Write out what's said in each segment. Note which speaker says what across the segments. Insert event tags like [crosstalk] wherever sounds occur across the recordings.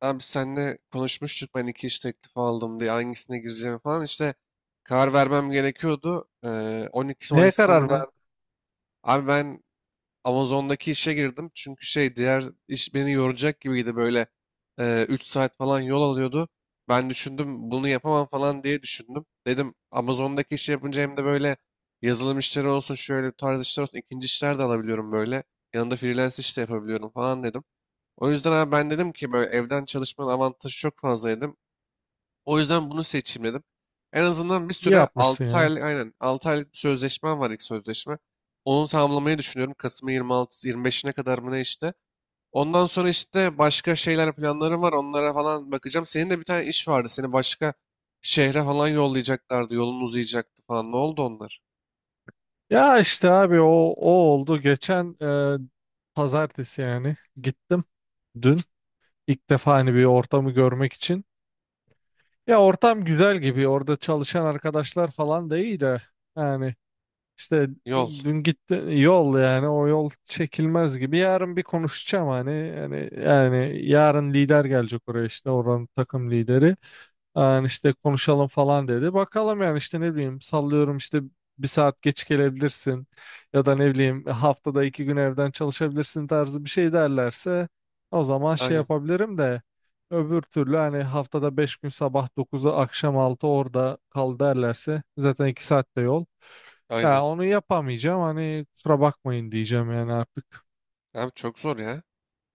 Speaker 1: Abi senle konuşmuştuk ben iki iş teklifi aldım diye hangisine gireceğimi falan işte karar vermem gerekiyordu. 12
Speaker 2: Neye
Speaker 1: Mayıs'ta
Speaker 2: karar
Speaker 1: mı ne?
Speaker 2: verdin?
Speaker 1: Abi ben Amazon'daki işe girdim çünkü şey diğer iş beni yoracak gibiydi böyle 3 saat falan yol alıyordu. Ben düşündüm bunu yapamam falan diye düşündüm. Dedim Amazon'daki işi yapınca hem de böyle yazılım işleri olsun şöyle bir tarz işler olsun ikinci işler de alabiliyorum böyle. Yanında freelance iş de yapabiliyorum falan dedim. O yüzden abi ben dedim ki böyle evden çalışmanın avantajı çok fazla dedim. O yüzden bunu seçeyim dedim. En azından bir
Speaker 2: İyi
Speaker 1: süre
Speaker 2: yapmışsın
Speaker 1: 6
Speaker 2: ya.
Speaker 1: aylık, aynen, 6 aylık bir sözleşmem var ilk sözleşme. Onu tamamlamayı düşünüyorum. Kasım'ın 26-25'ine kadar mı ne işte. Ondan sonra işte başka şeyler planlarım var. Onlara falan bakacağım. Senin de bir tane iş vardı. Seni başka şehre falan yollayacaklardı. Yolun uzayacaktı falan. Ne oldu onlar?
Speaker 2: Ya işte abi o oldu. Geçen e, pazartesi yani gittim dün. İlk defa hani bir ortamı görmek için. Ya ortam güzel gibi. Orada çalışan arkadaşlar falan da iyi de. Yani işte
Speaker 1: Yol.
Speaker 2: dün gitti yol, yani o yol çekilmez gibi. Yarın bir konuşacağım hani. Yani yarın lider gelecek oraya, işte oranın takım lideri. Yani işte konuşalım falan dedi. Bakalım yani, işte ne bileyim, sallıyorum, işte bir saat geç gelebilirsin ya da ne bileyim haftada iki gün evden çalışabilirsin tarzı bir şey derlerse o zaman şey
Speaker 1: Aynen.
Speaker 2: yapabilirim de öbür türlü hani haftada beş gün sabah dokuzu akşam 6 orada kal derlerse zaten iki saat de yol.
Speaker 1: Aynen.
Speaker 2: Ya onu yapamayacağım, hani kusura bakmayın diyeceğim yani artık.
Speaker 1: Abi çok zor ya.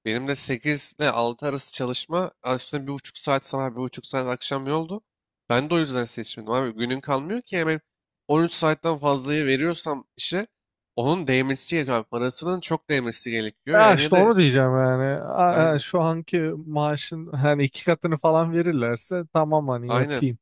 Speaker 1: Benim de 8 ile 6 arası çalışma üstüne 1,5 saat sabah bir buçuk saat akşam yoldu. Ben de o yüzden seçmedim abi. Günün kalmıyor ki hemen 13 saatten fazlayı veriyorsam işe onun değmesi gerekiyor abi. Parasının çok değmesi gerekiyor.
Speaker 2: Ya
Speaker 1: Yani ya
Speaker 2: işte
Speaker 1: da
Speaker 2: onu diyeceğim yani.
Speaker 1: aynen,
Speaker 2: Şu anki maaşın hani iki katını falan verirlerse tamam, hani
Speaker 1: aynen
Speaker 2: yapayım.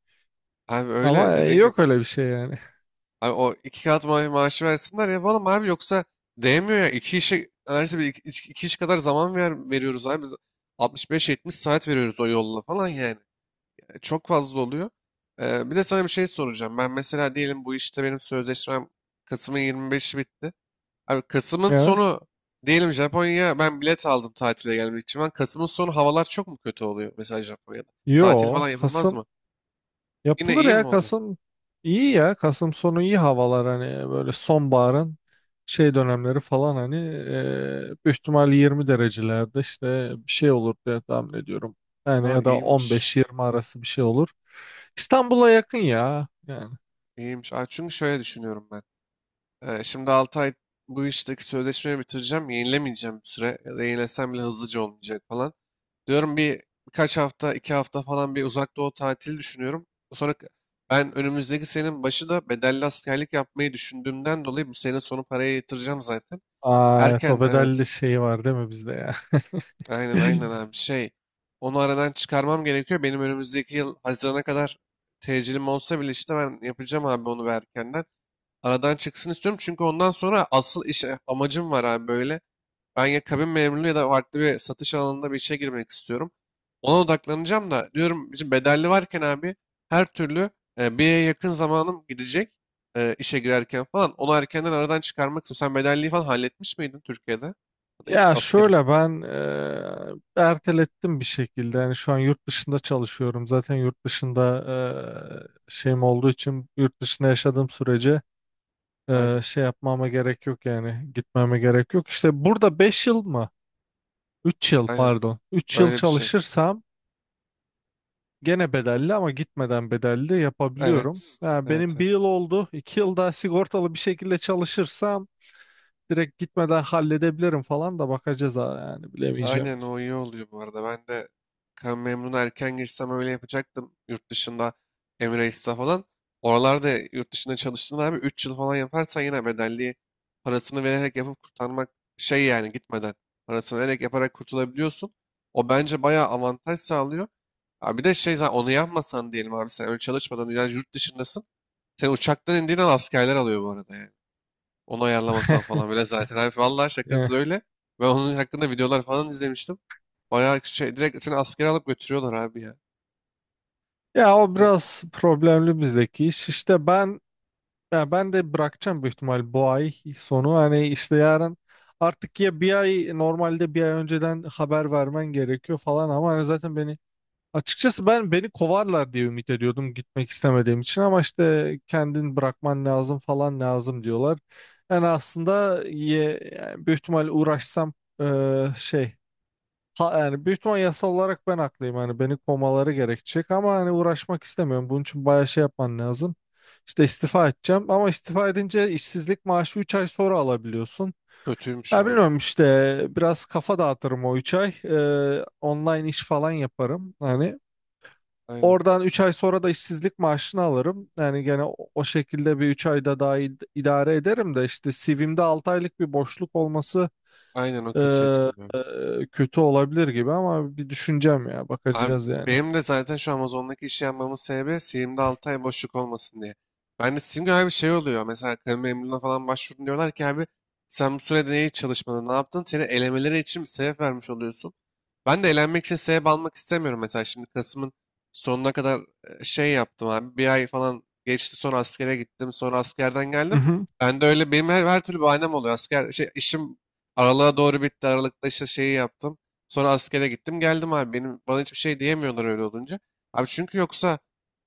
Speaker 1: abi öyle
Speaker 2: Ama
Speaker 1: dediğin gibi.
Speaker 2: yok öyle bir şey yani. [laughs]
Speaker 1: Abi o iki kat maaşı versinler yapalım abi yoksa değmiyor ya. İki işe neredeyse iki iş kadar zaman veriyoruz abi. Biz 65-70 saat veriyoruz o yolla falan yani. Çok fazla oluyor. Bir de sana bir şey soracağım. Ben mesela diyelim bu işte benim sözleşmem Kasım'ın 25'i bitti. Abi Kasım'ın
Speaker 2: Ya.
Speaker 1: sonu diyelim Japonya'ya ben bilet aldım tatile gelmek için. Ben Kasım'ın sonu havalar çok mu kötü oluyor mesela Japonya'da? Tatil
Speaker 2: Yo,
Speaker 1: falan yapılmaz
Speaker 2: Kasım
Speaker 1: mı? Yine
Speaker 2: yapılır
Speaker 1: iyi
Speaker 2: ya,
Speaker 1: mi oluyor?
Speaker 2: Kasım iyi ya. Kasım sonu iyi havalar, hani böyle sonbaharın şey dönemleri falan hani, büyük ihtimal 20 derecelerde işte bir şey olur diye tahmin ediyorum. Yani
Speaker 1: Ha,
Speaker 2: ya da
Speaker 1: iyiymiş.
Speaker 2: 15-20 arası bir şey olur. İstanbul'a yakın ya yani.
Speaker 1: İyiymiş. Aa, çünkü şöyle düşünüyorum ben. Şimdi 6 ay bu işteki sözleşmeyi bitireceğim. Yenilemeyeceğim bir süre. Ya da yenilesem bile hızlıca olmayacak falan. Diyorum birkaç hafta, 2 hafta falan bir uzak doğu tatili düşünüyorum. Sonra ben önümüzdeki senenin başı da bedelli askerlik yapmayı düşündüğümden dolayı bu sene sonu paraya yatıracağım zaten.
Speaker 2: Aa,
Speaker 1: Erken
Speaker 2: Tobedelli
Speaker 1: evet.
Speaker 2: şeyi var değil mi bizde ya?
Speaker 1: Aynen, aynen
Speaker 2: [laughs]
Speaker 1: abi şey. Onu aradan çıkarmam gerekiyor. Benim önümüzdeki yıl Haziran'a kadar tecilim olsa bile işte ben yapacağım abi onu ve erkenden. Aradan çıksın istiyorum çünkü ondan sonra asıl iş amacım var abi böyle. Ben ya kabin memurluğu ya da farklı bir satış alanında bir işe girmek istiyorum. Ona odaklanacağım da diyorum bizim bedelli varken abi her türlü bir yere yakın zamanım gidecek işe girerken falan. Onu erkenden aradan çıkarmak istiyorum. Sen bedelliği falan halletmiş miydin Türkiye'de? Ya da
Speaker 2: Ya
Speaker 1: askeri.
Speaker 2: şöyle, ben ertelettim bir şekilde. Yani şu an yurt dışında çalışıyorum. Zaten yurt dışında şeyim olduğu için yurt dışında yaşadığım sürece
Speaker 1: Aynen.
Speaker 2: şey yapmama gerek yok, yani gitmeme gerek yok. İşte burada 5 yıl mı? Üç yıl
Speaker 1: Aynen.
Speaker 2: pardon. Üç yıl
Speaker 1: Öyle bir şey.
Speaker 2: çalışırsam gene bedelli ama gitmeden bedelli yapabiliyorum.
Speaker 1: Evet.
Speaker 2: Yani
Speaker 1: Evet.
Speaker 2: benim
Speaker 1: Evet.
Speaker 2: bir yıl oldu. İki yıl daha sigortalı bir şekilde çalışırsam direkt gitmeden halledebilirim falan da, bakacağız ha, yani bilemeyeceğim.
Speaker 1: Aynen, o iyi oluyor bu arada. Ben de kan memnuna erken girsem öyle yapacaktım. Yurt dışında Emirates'te falan. Oralarda yurt dışında çalıştığında abi 3 yıl falan yaparsan yine bedelli parasını vererek yapıp kurtarmak şey yani gitmeden parasını vererek yaparak kurtulabiliyorsun. O bence bayağı avantaj sağlıyor. Abi bir de şey zaten onu yapmasan diyelim abi sen öyle çalışmadan yani yurt dışındasın. Sen uçaktan indiğin an askerler alıyor bu arada yani. Onu ayarlamasam
Speaker 2: [laughs]
Speaker 1: falan böyle zaten. Abi vallahi şakasız öyle. Ben onun hakkında videolar falan izlemiştim. Bayağı şey direkt seni askere alıp götürüyorlar abi ya.
Speaker 2: Ya o
Speaker 1: E,
Speaker 2: biraz problemli bizdeki iş. İşte ben, ya ben de bırakacağım büyük ihtimal bu ay sonu. Hani işte yarın artık, ya bir ay normalde, bir ay önceden haber vermen gerekiyor falan ama hani zaten beni, açıkçası ben beni kovarlar diye ümit ediyordum gitmek istemediğim için, ama işte kendin bırakman lazım falan lazım diyorlar. Yani aslında yani büyük ihtimal uğraşsam şey. Ha, yani büyük ihtimal yasal olarak ben haklıyım. Hani beni kovmaları gerekecek ama hani uğraşmak istemiyorum. Bunun için bayağı şey yapman lazım. İşte istifa edeceğim ama istifa edince işsizlik maaşı 3 ay sonra alabiliyorsun.
Speaker 1: Kötüymüş
Speaker 2: Ya
Speaker 1: ha.
Speaker 2: bilmiyorum işte, biraz kafa dağıtırım o 3 ay. Online iş falan yaparım. Hani
Speaker 1: Aynen.
Speaker 2: oradan 3 ay sonra da işsizlik maaşını alırım. Yani gene o şekilde bir 3 ayda daha idare ederim de işte CV'mde 6 aylık bir boşluk olması
Speaker 1: Aynen, o
Speaker 2: e,
Speaker 1: kötü etkiliyor.
Speaker 2: kötü olabilir gibi, ama bir düşüneceğim ya,
Speaker 1: Abi
Speaker 2: bakacağız yani.
Speaker 1: benim de zaten şu Amazon'daki işi yapmamın sebebi Steam'de 6 ay boşluk olmasın diye. Ben de Steam gibi bir şey oluyor. Mesela kamu memurluğuna falan başvurdun diyorlar ki abi sen bu sürede neyi çalışmadın, ne yaptın? Seni elemeleri için bir sebep vermiş oluyorsun. Ben de elenmek için sebep almak istemiyorum. Mesela şimdi Kasım'ın sonuna kadar şey yaptım abi. Bir ay falan geçti sonra askere gittim. Sonra askerden
Speaker 2: Hı
Speaker 1: geldim.
Speaker 2: hı.
Speaker 1: Ben de öyle benim her türlü bahanem oluyor. Asker şey, işim aralığa doğru bitti. Aralıkta işte şeyi yaptım. Sonra askere gittim geldim abi. Benim bana hiçbir şey diyemiyorlar öyle olunca. Abi çünkü yoksa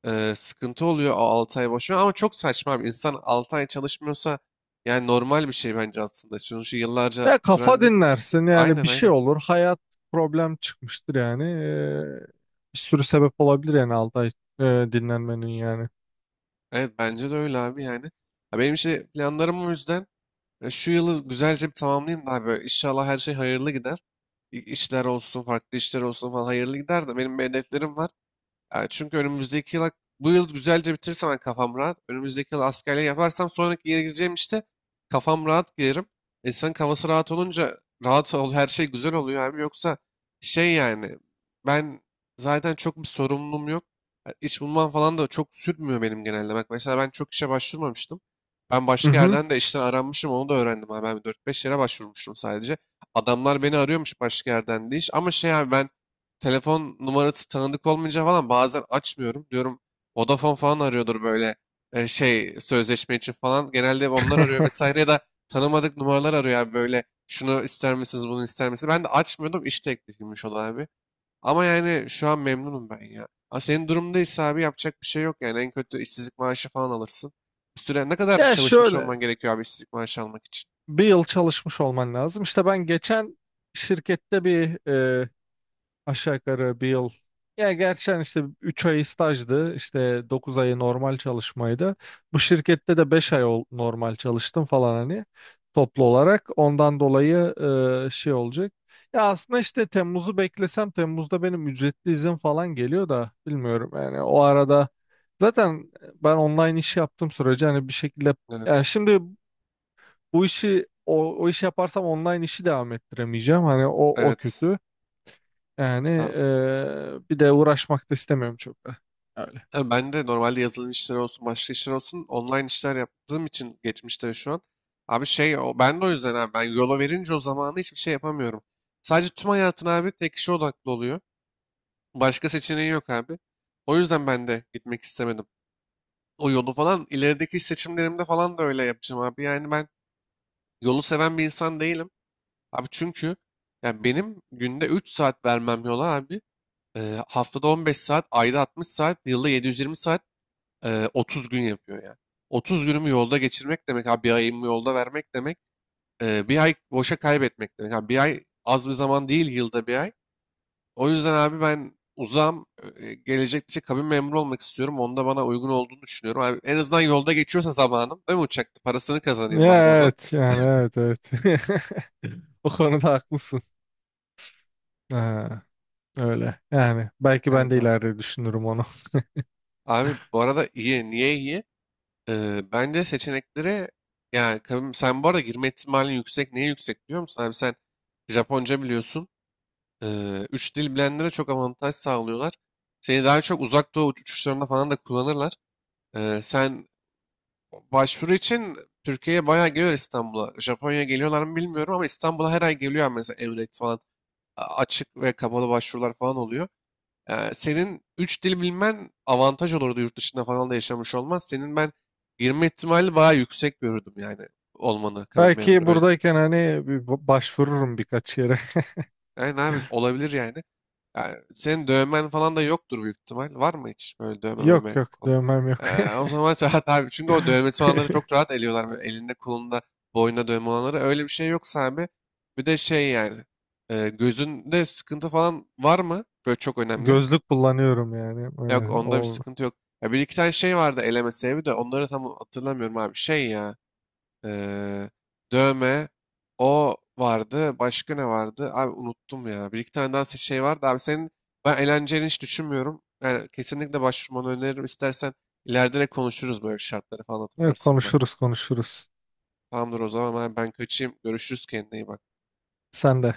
Speaker 1: sıkıntı oluyor o 6 ay boşuna ama çok saçma abi. İnsan 6 ay çalışmıyorsa yani normal bir şey bence aslında. Sonuçta yıllarca
Speaker 2: Ya
Speaker 1: süren
Speaker 2: kafa
Speaker 1: değil.
Speaker 2: dinlersin yani,
Speaker 1: Aynen,
Speaker 2: bir şey
Speaker 1: aynen.
Speaker 2: olur, hayat problem çıkmıştır yani. Bir sürü sebep olabilir yani 6 ay e, dinlenmenin yani.
Speaker 1: Evet, bence de öyle abi yani. Ya benim işte planlarım o yüzden şu yılı güzelce bir tamamlayayım da abi. Böyle İnşallah her şey hayırlı gider. İşler olsun, farklı işler olsun falan hayırlı gider de benim bir hedeflerim var. Çünkü önümüzdeki yıl, bu yıl güzelce bitirsem ben kafam rahat. Önümüzdeki yıl askerliği yaparsam sonraki yere gireceğim işte kafam rahat girerim. İnsanın kafası rahat olunca her şey güzel oluyor abi. Yoksa şey yani ben zaten çok bir sorumluluğum yok. Yani İş bulmam falan da çok sürmüyor benim genelde. Bak mesela ben çok işe başvurmamıştım. Ben
Speaker 2: Hı
Speaker 1: başka
Speaker 2: hı.
Speaker 1: yerden de işten aranmışım onu da öğrendim abi. Ben dört beş yere başvurmuştum sadece. Adamlar beni arıyormuş başka yerden de iş. Ama şey abi ben telefon numarası tanıdık olmayınca falan bazen açmıyorum. Diyorum Vodafone falan arıyordur böyle şey sözleşme için falan. Genelde onlar arıyor
Speaker 2: [laughs]
Speaker 1: vesaire ya da tanımadık numaralar arıyor abi böyle şunu ister misiniz bunu ister misiniz? Ben de açmıyordum iş teklifiymiş o da abi. Ama yani şu an memnunum ben ya. Ha, senin durumdaysa abi yapacak bir şey yok yani en kötü işsizlik maaşı falan alırsın. Bir süre ne kadar
Speaker 2: Ya
Speaker 1: çalışmış
Speaker 2: şöyle,
Speaker 1: olman gerekiyor abi işsizlik maaşı almak için?
Speaker 2: bir yıl çalışmış olman lazım. İşte ben geçen şirkette bir aşağı yukarı bir yıl. Ya gerçi hani işte 3 ay stajdı. İşte 9 ayı normal çalışmaydı. Bu şirkette de 5 ay normal çalıştım falan, hani toplu olarak. Ondan dolayı şey olacak. Ya aslında işte Temmuz'u beklesem, Temmuz'da benim ücretli izin falan geliyor da, bilmiyorum yani, o arada zaten ben online iş yaptığım sürece hani bir şekilde, yani
Speaker 1: Evet.
Speaker 2: şimdi bu işi, o işi yaparsam online işi devam ettiremeyeceğim. Hani o
Speaker 1: Evet.
Speaker 2: kötü. Yani
Speaker 1: Abi.
Speaker 2: bir de uğraşmak da istemiyorum çok da. Öyle.
Speaker 1: Tabii ben de normalde yazılım işleri olsun, başka işler olsun online işler yaptığım için geçmişte ve şu an. Abi şey o ben de o yüzden abi ben yola verince o zamanı hiçbir şey yapamıyorum. Sadece tüm hayatın abi tek işe odaklı oluyor. Başka seçeneği yok abi. O yüzden ben de gitmek istemedim. O yolu falan ilerideki iş seçimlerimde falan da öyle yapacağım abi. Yani ben yolu seven bir insan değilim. Abi çünkü yani benim günde 3 saat vermem yola abi. Haftada 15 saat, ayda 60 saat, yılda 720 saat. 30 gün yapıyor yani. 30 günümü yolda geçirmek demek abi, bir ayımı yolda vermek demek. Bir ay boşa kaybetmek demek. Abi bir ay az bir zaman değil yılda bir ay. O yüzden abi ben uzam gelecekte kabin memuru olmak istiyorum. Onda bana uygun olduğunu düşünüyorum. Abi en azından yolda geçiyorsa zamanım değil mi uçakta? Parasını
Speaker 2: Ya,
Speaker 1: kazanayım bari onun.
Speaker 2: evet yani, evet evet. [laughs] O konuda haklısın. Ha, öyle yani, belki ben
Speaker 1: Evet
Speaker 2: de
Speaker 1: abi.
Speaker 2: ileride düşünürüm onu.
Speaker 1: Abi
Speaker 2: [laughs]
Speaker 1: bu arada iyi. Niye iyi? Bence seçenekleri yani kabin, sen bu arada girme ihtimalin yüksek. Niye yüksek biliyor musun? Abi sen Japonca biliyorsun. Üç dil bilenlere çok avantaj sağlıyorlar. Seni daha çok uzak doğu uçuşlarında falan da kullanırlar. Sen başvuru için Türkiye'ye bayağı geliyor İstanbul'a. Japonya'ya geliyorlar mı bilmiyorum ama İstanbul'a her ay geliyor mesela Emirates falan. Açık ve kapalı başvurular falan oluyor. Senin üç dil bilmen avantaj olurdu, yurt dışında falan da yaşamış olmaz. Senin ben girme ihtimali bayağı yüksek görürdüm yani olmanı kabin memuru,
Speaker 2: Belki
Speaker 1: öyle diyeyim.
Speaker 2: buradayken hani bir başvururum birkaç yere.
Speaker 1: Yani abi olabilir yani. Yani senin dövmen falan da yoktur büyük ihtimal. Var mı hiç böyle
Speaker 2: [laughs]
Speaker 1: dövme
Speaker 2: Yok
Speaker 1: meme
Speaker 2: yok,
Speaker 1: kolu?
Speaker 2: dövmem yok.
Speaker 1: O zaman [laughs] rahat abi. Çünkü o dövmesi
Speaker 2: [laughs]
Speaker 1: olanları çok rahat eliyorlar. Böyle elinde kolunda boynunda dövme olanları. Öyle bir şey yoksa abi. Bir de şey yani. Gözünde sıkıntı falan var mı? Böyle çok önemli.
Speaker 2: Gözlük kullanıyorum yani.
Speaker 1: Yok, onda bir
Speaker 2: O
Speaker 1: sıkıntı yok. Ya bir iki tane şey vardı eleme sebebi de onları tam hatırlamıyorum abi. Şey ya. Ee, Dövme. O vardı. Başka ne vardı? Abi unuttum ya. Bir iki tane daha şey vardı. Abi senin ben eğlenceli hiç düşünmüyorum. Yani kesinlikle başvurmanı öneririm. İstersen ileride de konuşuruz böyle şartları falan
Speaker 2: Evet,
Speaker 1: hatırlarsan ben.
Speaker 2: konuşuruz konuşuruz.
Speaker 1: Tamamdır o zaman ben kaçayım. Görüşürüz, kendine iyi bak.
Speaker 2: Sen de.